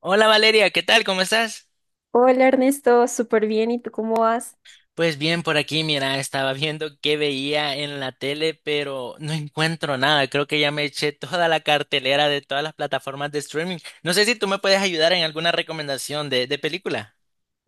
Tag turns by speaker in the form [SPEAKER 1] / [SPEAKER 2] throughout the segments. [SPEAKER 1] Hola Valeria, ¿qué tal? ¿Cómo estás?
[SPEAKER 2] Hola Ernesto, súper bien. ¿Y tú cómo vas?
[SPEAKER 1] Pues bien, por aquí, mira, estaba viendo qué veía en la tele, pero no encuentro nada. Creo que ya me eché toda la cartelera de todas las plataformas de streaming. No sé si tú me puedes ayudar en alguna recomendación de película.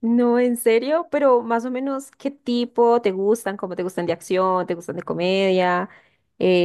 [SPEAKER 2] No, en serio, pero más o menos, ¿qué tipo te gustan? ¿Cómo te gustan, de acción? ¿Te gustan de comedia?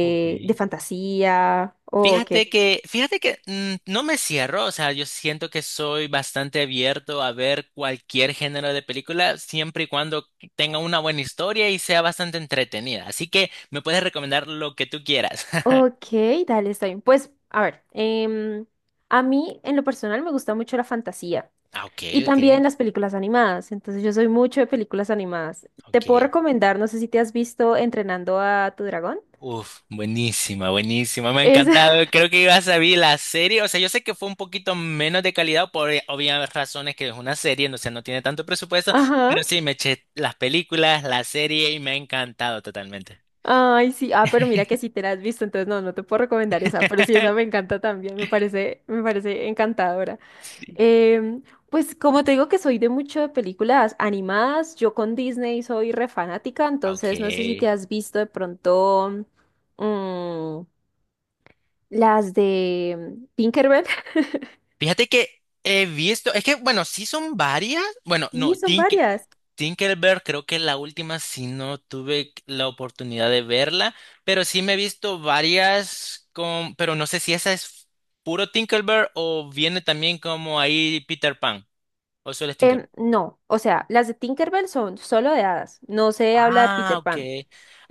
[SPEAKER 1] Ok.
[SPEAKER 2] ¿De fantasía? ¿O qué?
[SPEAKER 1] Fíjate que no me cierro. O sea, yo siento que soy bastante abierto a ver cualquier género de película, siempre y cuando tenga una buena historia y sea bastante entretenida. Así que me puedes recomendar lo que tú quieras.
[SPEAKER 2] Ok, dale, está bien. Pues, a ver, a mí en lo personal me gusta mucho la fantasía
[SPEAKER 1] Ah, ok,
[SPEAKER 2] y
[SPEAKER 1] ok,
[SPEAKER 2] también las películas animadas. Entonces, yo soy mucho de películas animadas. Te puedo
[SPEAKER 1] ok.
[SPEAKER 2] recomendar, no sé si te has visto Entrenando a tu dragón.
[SPEAKER 1] Uf, buenísima, buenísima. Me ha
[SPEAKER 2] Es,
[SPEAKER 1] encantado. Creo que ibas a ver la serie. O sea, yo sé que fue un poquito menos de calidad por obvias razones, que es una serie. No, o sea, no tiene tanto presupuesto,
[SPEAKER 2] ajá.
[SPEAKER 1] pero sí, me eché las películas, la serie y me ha encantado totalmente.
[SPEAKER 2] Ay, sí, ah, pero mira que sí te la has visto, entonces no, no te puedo recomendar esa, pero sí, esa me encanta también, me parece encantadora.
[SPEAKER 1] Sí.
[SPEAKER 2] Em, pues como te digo que soy de mucho de películas animadas, yo con Disney soy re fanática,
[SPEAKER 1] Ah,
[SPEAKER 2] entonces no sé si
[SPEAKER 1] ok.
[SPEAKER 2] te has visto de pronto mm, las de Tinkerbell.
[SPEAKER 1] Fíjate que he visto, es que bueno, sí son varias. Bueno,
[SPEAKER 2] Sí,
[SPEAKER 1] no,
[SPEAKER 2] son varias.
[SPEAKER 1] Tinkerbell creo que la última sí no tuve la oportunidad de verla, pero sí me he visto varias con, pero no sé si esa es puro Tinkerbell o viene también como ahí Peter Pan o solo es Tinkerbell.
[SPEAKER 2] No, o sea, las de Tinkerbell son solo de hadas, no se habla de
[SPEAKER 1] Ah,
[SPEAKER 2] Peter
[SPEAKER 1] ok.
[SPEAKER 2] Pan.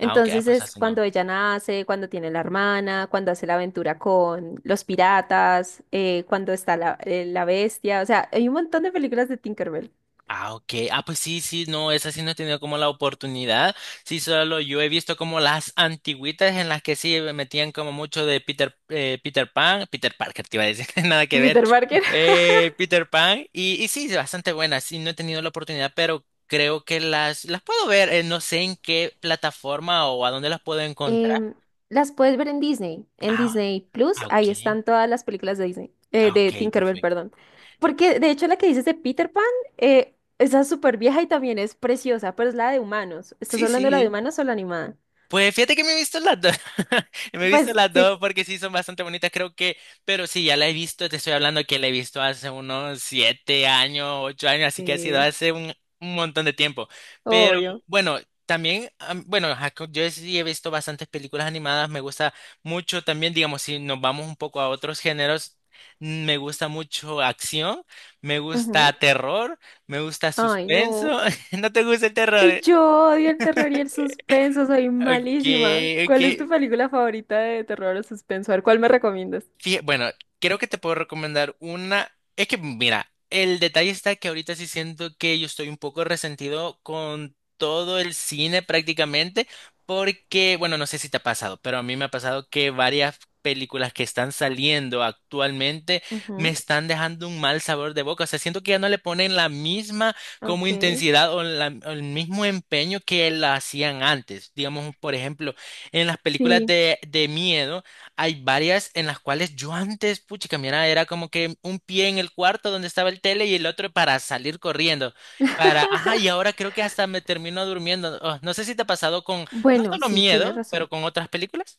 [SPEAKER 1] Ah, ok, ah, pues
[SPEAKER 2] es
[SPEAKER 1] así
[SPEAKER 2] cuando
[SPEAKER 1] no.
[SPEAKER 2] ella nace, cuando tiene la hermana, cuando hace la aventura con los piratas, cuando está la, la bestia. O sea, hay un montón de películas de Tinkerbell.
[SPEAKER 1] Ah, ok. Ah, pues sí, sí, no, esa sí no he tenido como la oportunidad. Sí, solo yo he visto como las antigüitas en las que sí me metían como mucho de Peter Pan, Peter Parker, te iba a decir, nada
[SPEAKER 2] Y
[SPEAKER 1] que ver.
[SPEAKER 2] Peter Parker.
[SPEAKER 1] Peter Pan, y sí, bastante buena. Sí, no he tenido la oportunidad, pero creo que las puedo ver. No sé en qué plataforma o a dónde las puedo encontrar.
[SPEAKER 2] Em, las puedes ver en
[SPEAKER 1] Ah,
[SPEAKER 2] Disney Plus.
[SPEAKER 1] ah, ok.
[SPEAKER 2] Ahí están todas las películas de Disney,
[SPEAKER 1] Ah,
[SPEAKER 2] de
[SPEAKER 1] ok,
[SPEAKER 2] Tinkerbell,
[SPEAKER 1] perfecto.
[SPEAKER 2] perdón. Porque de hecho la que dices de Peter Pan, esa es súper vieja y también es preciosa, pero es la de humanos. ¿Estás
[SPEAKER 1] Sí,
[SPEAKER 2] hablando de la de
[SPEAKER 1] sí.
[SPEAKER 2] humanos o la animada?
[SPEAKER 1] Pues fíjate que me he visto las dos. Me he visto
[SPEAKER 2] Pues
[SPEAKER 1] las
[SPEAKER 2] sí.
[SPEAKER 1] dos porque sí son bastante bonitas, creo que. Pero sí, ya la he visto, te estoy hablando que la he visto hace unos 7 años, 8 años, así que ha sido
[SPEAKER 2] Sí.
[SPEAKER 1] hace un montón de tiempo. Pero
[SPEAKER 2] Obvio.
[SPEAKER 1] bueno, también, bueno, ajá, yo sí he visto bastantes películas animadas. Me gusta mucho también, digamos, si nos vamos un poco a otros géneros, me gusta mucho acción, me gusta
[SPEAKER 2] Ujú.
[SPEAKER 1] terror, me gusta
[SPEAKER 2] Ay,
[SPEAKER 1] suspenso.
[SPEAKER 2] no.
[SPEAKER 1] ¿No te gusta el terror,
[SPEAKER 2] Ay,
[SPEAKER 1] eh?
[SPEAKER 2] yo odio el terror y el suspenso, soy
[SPEAKER 1] Ok,
[SPEAKER 2] malísima.
[SPEAKER 1] ok.
[SPEAKER 2] ¿Cuál es tu película favorita de terror o suspenso? A ver, ¿cuál me recomiendas?
[SPEAKER 1] Bueno, creo que te puedo recomendar una. Es que, mira, el detalle está que ahorita sí siento que yo estoy un poco resentido con todo el cine prácticamente, porque, bueno, no sé si te ha pasado, pero a mí me ha pasado que varias películas que están saliendo actualmente me
[SPEAKER 2] Ujú,
[SPEAKER 1] están dejando un mal sabor de boca. O sea, siento que ya no le ponen la misma como
[SPEAKER 2] ok.
[SPEAKER 1] intensidad o el mismo empeño que la hacían antes. Digamos, por ejemplo, en las películas
[SPEAKER 2] Sí.
[SPEAKER 1] de miedo. Hay varias en las cuales yo antes, puchica, mira, era como que un pie en el cuarto donde estaba el tele y el otro para salir corriendo. Ajá, y ahora creo que hasta me termino durmiendo. Oh, no sé si te ha pasado con, no
[SPEAKER 2] Bueno,
[SPEAKER 1] solo
[SPEAKER 2] sí, tienes
[SPEAKER 1] miedo, pero
[SPEAKER 2] razón.
[SPEAKER 1] con otras películas.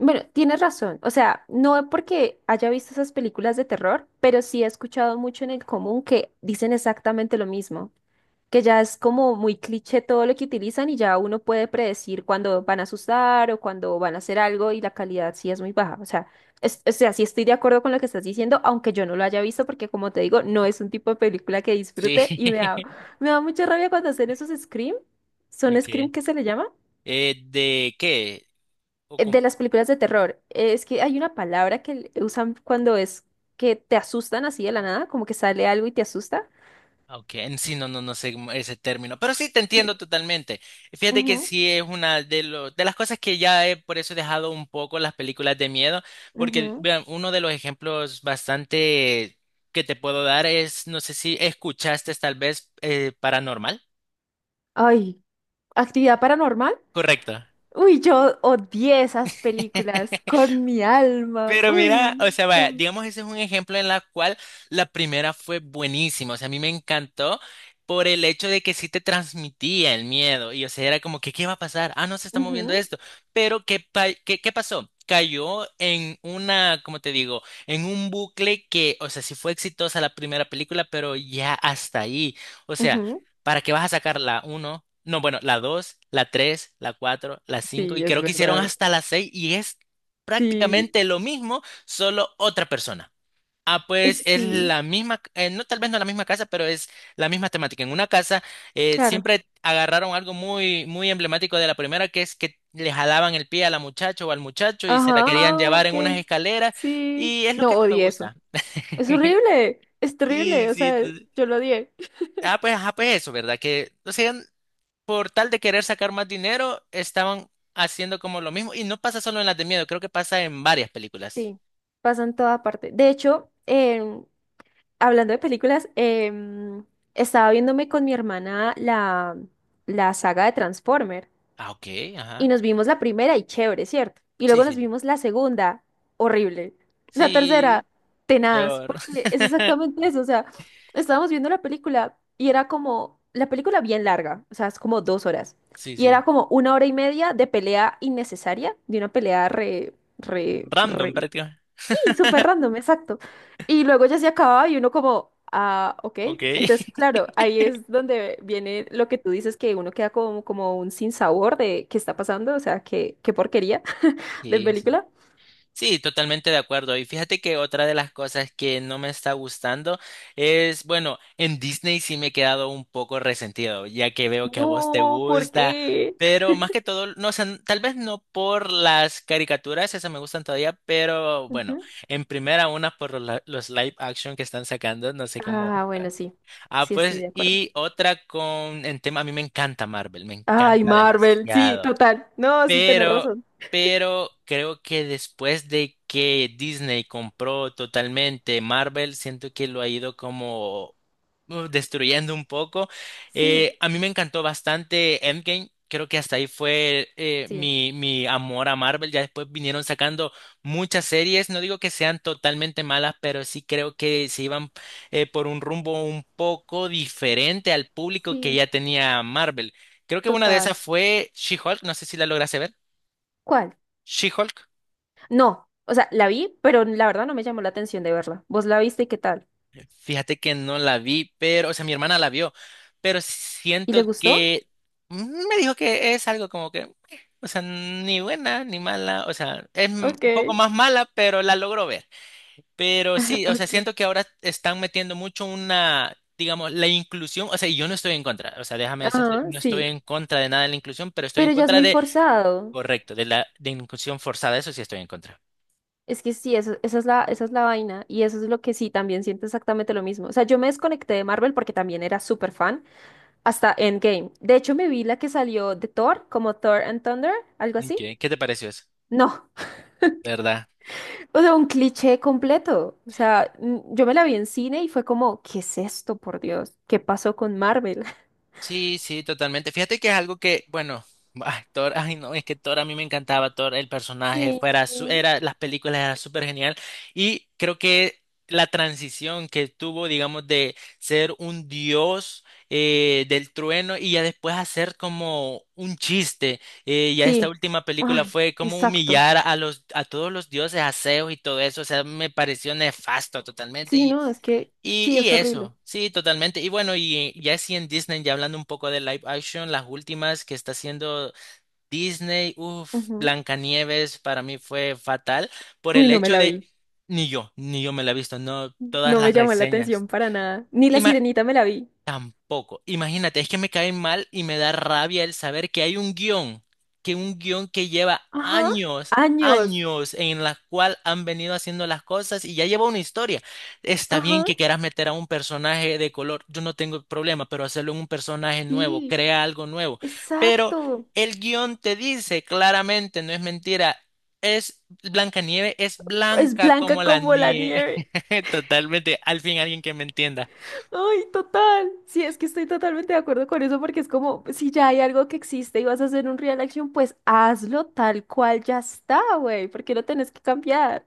[SPEAKER 2] Bueno, tienes razón. O sea, no es porque haya visto esas películas de terror, pero sí he escuchado mucho en el común que dicen exactamente lo mismo, que ya es como muy cliché todo lo que utilizan y ya uno puede predecir cuándo van a asustar o cuándo van a hacer algo y la calidad sí es muy baja. O sea, o sea, sí estoy de acuerdo con lo que estás diciendo, aunque yo no lo haya visto porque como te digo, no es un tipo de película que
[SPEAKER 1] Sí.
[SPEAKER 2] disfrute y me da mucha rabia cuando hacen esos scream. ¿Son scream
[SPEAKER 1] Okay.
[SPEAKER 2] que se le llama?
[SPEAKER 1] ¿De qué? ¿O
[SPEAKER 2] De
[SPEAKER 1] cómo?
[SPEAKER 2] las películas de terror. Es que hay una palabra que usan cuando es que te asustan así de la nada, como que sale algo y te asusta.
[SPEAKER 1] Ok, en sí, no, no, no sé ese término, pero sí te
[SPEAKER 2] Sí.
[SPEAKER 1] entiendo totalmente. Fíjate que
[SPEAKER 2] Ujú,
[SPEAKER 1] sí es una de las cosas que ya he, por eso he dejado un poco las películas de miedo, porque
[SPEAKER 2] ujú.
[SPEAKER 1] vean, uno de los ejemplos bastante que te puedo dar es, no sé si escuchaste tal vez Paranormal.
[SPEAKER 2] Ay, ¿actividad paranormal?
[SPEAKER 1] Correcto.
[SPEAKER 2] Uy, yo odié esas películas con mi alma.
[SPEAKER 1] Pero mira, o
[SPEAKER 2] Uy,
[SPEAKER 1] sea, vaya,
[SPEAKER 2] no.
[SPEAKER 1] digamos, ese es un ejemplo en la cual la primera fue buenísima. O sea, a mí me encantó por el hecho de que sí te transmitía el miedo. Y, o sea, era como que, ¿qué va a pasar? Ah, no, se está moviendo
[SPEAKER 2] Ujú,
[SPEAKER 1] esto. Pero, ¿qué pasó? Cayó en una, como te digo, en un bucle que, o sea, sí fue exitosa la primera película, pero ya hasta ahí. O sea,
[SPEAKER 2] ujú.
[SPEAKER 1] ¿para qué vas a sacar la uno? No, bueno, la dos, la tres, la cuatro, la cinco,
[SPEAKER 2] Sí,
[SPEAKER 1] y
[SPEAKER 2] es
[SPEAKER 1] creo que hicieron
[SPEAKER 2] verdad.
[SPEAKER 1] hasta la seis, y es
[SPEAKER 2] Sí,
[SPEAKER 1] prácticamente lo mismo, solo otra persona. Ah, pues es
[SPEAKER 2] sí,
[SPEAKER 1] la misma, no, tal vez no la misma casa, pero es la misma temática. En una casa
[SPEAKER 2] claro.
[SPEAKER 1] siempre agarraron algo muy, muy emblemático de la primera, que es que le jalaban el pie a la muchacha o al muchacho y se la
[SPEAKER 2] Ajá,
[SPEAKER 1] querían
[SPEAKER 2] ah,
[SPEAKER 1] llevar en
[SPEAKER 2] ok.
[SPEAKER 1] unas escaleras,
[SPEAKER 2] Sí.
[SPEAKER 1] y es lo
[SPEAKER 2] No,
[SPEAKER 1] que no me
[SPEAKER 2] odié eso.
[SPEAKER 1] gusta.
[SPEAKER 2] Es horrible, es
[SPEAKER 1] Sí,
[SPEAKER 2] terrible, o
[SPEAKER 1] sí.
[SPEAKER 2] sea, yo lo odié.
[SPEAKER 1] Ah, pues, eso, ¿verdad? Que, o sea, por tal de querer sacar más dinero, estaban haciendo como lo mismo. Y no pasa solo en las de miedo, creo que pasa en varias películas.
[SPEAKER 2] Sí, pasa en toda parte. De hecho, hablando de películas, estaba viéndome con mi hermana la, la saga de Transformer.
[SPEAKER 1] Ah, ok,
[SPEAKER 2] Y
[SPEAKER 1] ajá.
[SPEAKER 2] nos vimos la primera y chévere, ¿cierto? Y
[SPEAKER 1] Sí,
[SPEAKER 2] luego nos
[SPEAKER 1] sí.
[SPEAKER 2] vimos la segunda, horrible. La
[SPEAKER 1] Sí,
[SPEAKER 2] tercera, tenaz,
[SPEAKER 1] peor.
[SPEAKER 2] porque es exactamente eso. O sea, estábamos viendo la película y era como, la película bien larga, o sea, es como dos horas.
[SPEAKER 1] Sí,
[SPEAKER 2] Y
[SPEAKER 1] sí.
[SPEAKER 2] era como una hora y media de pelea innecesaria, de una pelea
[SPEAKER 1] Random
[SPEAKER 2] re.
[SPEAKER 1] prácticamente.
[SPEAKER 2] Y súper random, exacto. Y luego ya se acababa y uno como, ah, ok.
[SPEAKER 1] Ok.
[SPEAKER 2] Entonces, claro, ahí es donde viene lo que tú dices, que uno queda como, como un sinsabor de qué está pasando, o sea, qué, qué porquería de
[SPEAKER 1] Sí, sí.
[SPEAKER 2] película.
[SPEAKER 1] Sí, totalmente de acuerdo. Y fíjate que otra de las cosas que no me está gustando es, bueno, en Disney sí me he quedado un poco resentido, ya que veo que a vos te
[SPEAKER 2] No, ¿por
[SPEAKER 1] gusta,
[SPEAKER 2] qué?
[SPEAKER 1] pero más que todo, no, o sea, tal vez no por las caricaturas, esas me gustan todavía, pero bueno,
[SPEAKER 2] Ujú.
[SPEAKER 1] en primera una los live action que están sacando, no sé cómo.
[SPEAKER 2] Ah, bueno, sí,
[SPEAKER 1] Ah,
[SPEAKER 2] sí estoy
[SPEAKER 1] pues,
[SPEAKER 2] de acuerdo.
[SPEAKER 1] y otra con, en tema, a mí me encanta Marvel, me
[SPEAKER 2] Ay,
[SPEAKER 1] encanta
[SPEAKER 2] Marvel, sí,
[SPEAKER 1] demasiado.
[SPEAKER 2] total. No, sí, tenés
[SPEAKER 1] Pero,
[SPEAKER 2] razón.
[SPEAKER 1] pero creo que después de que Disney compró totalmente Marvel, siento que lo ha ido como destruyendo un poco.
[SPEAKER 2] Sí,
[SPEAKER 1] A mí me encantó bastante Endgame. Creo que hasta ahí fue eh,
[SPEAKER 2] sí,
[SPEAKER 1] mi, mi amor a Marvel. Ya después vinieron sacando muchas series. No digo que sean totalmente malas, pero sí creo que se iban por un rumbo un poco diferente al público que
[SPEAKER 2] sí,
[SPEAKER 1] ya tenía Marvel. Creo que una de esas
[SPEAKER 2] total.
[SPEAKER 1] fue She-Hulk, no sé si la lograste ver.
[SPEAKER 2] ¿Cuál?
[SPEAKER 1] She-Hulk,
[SPEAKER 2] No, o sea, la vi, pero la verdad no me llamó la atención de verla. ¿Vos la viste y qué tal?
[SPEAKER 1] fíjate que no la vi, pero, o sea, mi hermana la vio, pero
[SPEAKER 2] ¿Y
[SPEAKER 1] siento
[SPEAKER 2] le gustó?
[SPEAKER 1] que me dijo que es algo como que o sea, ni buena ni mala, o sea, es un
[SPEAKER 2] Ok,
[SPEAKER 1] poco más mala, pero la logró ver. Pero sí, o sea,
[SPEAKER 2] ok.
[SPEAKER 1] siento que ahora están metiendo mucho una, digamos, la inclusión, o sea, y yo no estoy en contra, o sea, déjame decirte,
[SPEAKER 2] Ah,
[SPEAKER 1] no estoy
[SPEAKER 2] sí,
[SPEAKER 1] en contra de nada de la inclusión, pero estoy en
[SPEAKER 2] pero ya es
[SPEAKER 1] contra
[SPEAKER 2] muy
[SPEAKER 1] de,
[SPEAKER 2] forzado.
[SPEAKER 1] correcto, de la de inclusión forzada, eso sí estoy en contra.
[SPEAKER 2] Es que sí, esa es la vaina. Y eso es lo que sí, también siento exactamente lo mismo. O sea, yo me desconecté de Marvel porque también era súper fan hasta Endgame. De hecho, me vi la que salió de Thor, como Thor and Thunder, algo
[SPEAKER 1] Ok,
[SPEAKER 2] así.
[SPEAKER 1] ¿qué te pareció eso?
[SPEAKER 2] No,
[SPEAKER 1] ¿Verdad?
[SPEAKER 2] o sea, un cliché completo. O sea, yo me la vi en cine y fue como, ¿qué es esto, por Dios? ¿Qué pasó con Marvel?
[SPEAKER 1] Sí, sí, totalmente. Fíjate que es algo que, bueno, ay, Thor, ay no, es que Thor a mí me encantaba. Thor, el personaje,
[SPEAKER 2] Sí.
[SPEAKER 1] era, las películas eran súper genial, y creo que la transición que tuvo, digamos, de ser un dios del trueno y ya después hacer como un chiste, ya esta
[SPEAKER 2] Sí,
[SPEAKER 1] última película
[SPEAKER 2] ay,
[SPEAKER 1] fue como
[SPEAKER 2] exacto.
[SPEAKER 1] humillar a los, a todos los dioses, aseos y todo eso. O sea, me pareció nefasto totalmente.
[SPEAKER 2] Sí, no, es que
[SPEAKER 1] Y,
[SPEAKER 2] sí,
[SPEAKER 1] y
[SPEAKER 2] es horrible.
[SPEAKER 1] eso, sí, totalmente. Y bueno, y ya sí en Disney, ya hablando un poco de live action, las últimas que está haciendo Disney, uff,
[SPEAKER 2] Ujú.
[SPEAKER 1] Blancanieves para mí fue fatal por
[SPEAKER 2] Uy,
[SPEAKER 1] el
[SPEAKER 2] no me
[SPEAKER 1] hecho
[SPEAKER 2] la
[SPEAKER 1] de,
[SPEAKER 2] vi.
[SPEAKER 1] ni yo me la he visto, no, todas
[SPEAKER 2] No me
[SPEAKER 1] las
[SPEAKER 2] llamó la
[SPEAKER 1] reseñas.
[SPEAKER 2] atención para nada. Ni La Sirenita me la vi.
[SPEAKER 1] Tampoco. Imagínate, es que me caen mal y me da rabia el saber que hay un guión que lleva
[SPEAKER 2] Ajá,
[SPEAKER 1] años,
[SPEAKER 2] años.
[SPEAKER 1] años en la cual han venido haciendo las cosas y ya lleva una historia. Está bien
[SPEAKER 2] Ajá.
[SPEAKER 1] que quieras meter a un personaje de color, yo no tengo problema, pero hacerlo en un personaje nuevo,
[SPEAKER 2] Sí,
[SPEAKER 1] crea algo nuevo. Pero
[SPEAKER 2] exacto.
[SPEAKER 1] el guión te dice claramente, no es mentira. Es Blanca Nieve, es
[SPEAKER 2] Es
[SPEAKER 1] blanca como
[SPEAKER 2] blanca
[SPEAKER 1] la
[SPEAKER 2] como la
[SPEAKER 1] nieve.
[SPEAKER 2] nieve.
[SPEAKER 1] Totalmente, al fin alguien que me entienda.
[SPEAKER 2] Ay, total. Sí, es que estoy totalmente de acuerdo con eso porque es como, si ya hay algo que existe y vas a hacer un real action, pues hazlo tal cual ya está, güey. ¿Por qué lo tenés que cambiar?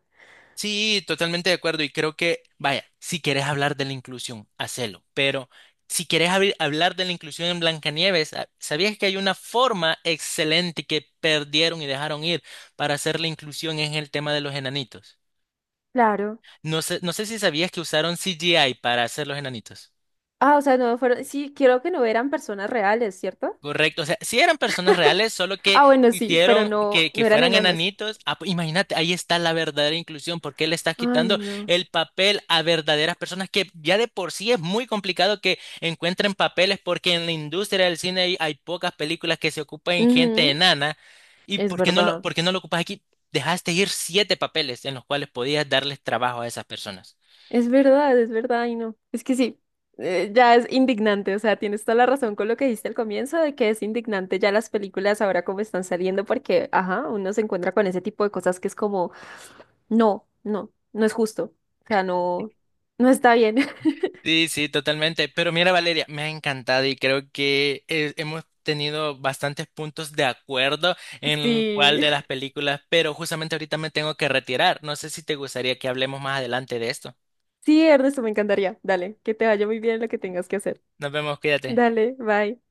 [SPEAKER 1] Sí, totalmente de acuerdo. Y creo que, vaya, si quieres hablar de la inclusión, hacelo. Pero si quieres hablar de la inclusión en Blancanieves, ah, ¿sabías que hay una forma excelente que perdieron y dejaron ir para hacer la inclusión en el tema de los enanitos?
[SPEAKER 2] Claro.
[SPEAKER 1] No sé si sabías que usaron CGI para hacer los enanitos.
[SPEAKER 2] Ah, o sea, no fueron, sí, quiero que no eran personas reales, ¿cierto?
[SPEAKER 1] Correcto, o sea, sí eran personas reales, solo que
[SPEAKER 2] Ah, bueno, sí, pero
[SPEAKER 1] hicieron
[SPEAKER 2] no,
[SPEAKER 1] que
[SPEAKER 2] no eran
[SPEAKER 1] fueran
[SPEAKER 2] enanos.
[SPEAKER 1] enanitos. Ah, pues imagínate, ahí está la verdadera inclusión, porque le estás
[SPEAKER 2] Ay,
[SPEAKER 1] quitando
[SPEAKER 2] no.
[SPEAKER 1] el papel a verdaderas personas que ya de por sí es muy complicado que encuentren papeles, porque en la industria del cine hay pocas películas que se ocupan en gente
[SPEAKER 2] Ujú,
[SPEAKER 1] enana. ¿Y
[SPEAKER 2] es
[SPEAKER 1] por qué no lo,
[SPEAKER 2] verdad,
[SPEAKER 1] por qué no lo ocupas aquí? Dejaste ir 7 papeles en los cuales podías darles trabajo a esas personas.
[SPEAKER 2] es verdad, y no. Es que sí, ya es indignante, o sea, tienes toda la razón con lo que dijiste al comienzo de que es indignante ya las películas ahora como están saliendo porque, ajá, uno se encuentra con ese tipo de cosas que es como, no, no, no es justo, o sea, no, no está bien.
[SPEAKER 1] Sí, sí, totalmente. Pero mira, Valeria, me ha encantado y creo que hemos tenido bastantes puntos de acuerdo en cuál
[SPEAKER 2] Sí,
[SPEAKER 1] de las películas, pero justamente ahorita me tengo que retirar. No sé si te gustaría que hablemos más adelante de esto.
[SPEAKER 2] sí, Ernesto, me encantaría. Dale, que te vaya muy bien en lo que tengas que hacer.
[SPEAKER 1] Nos vemos, cuídate.
[SPEAKER 2] Dale, bye.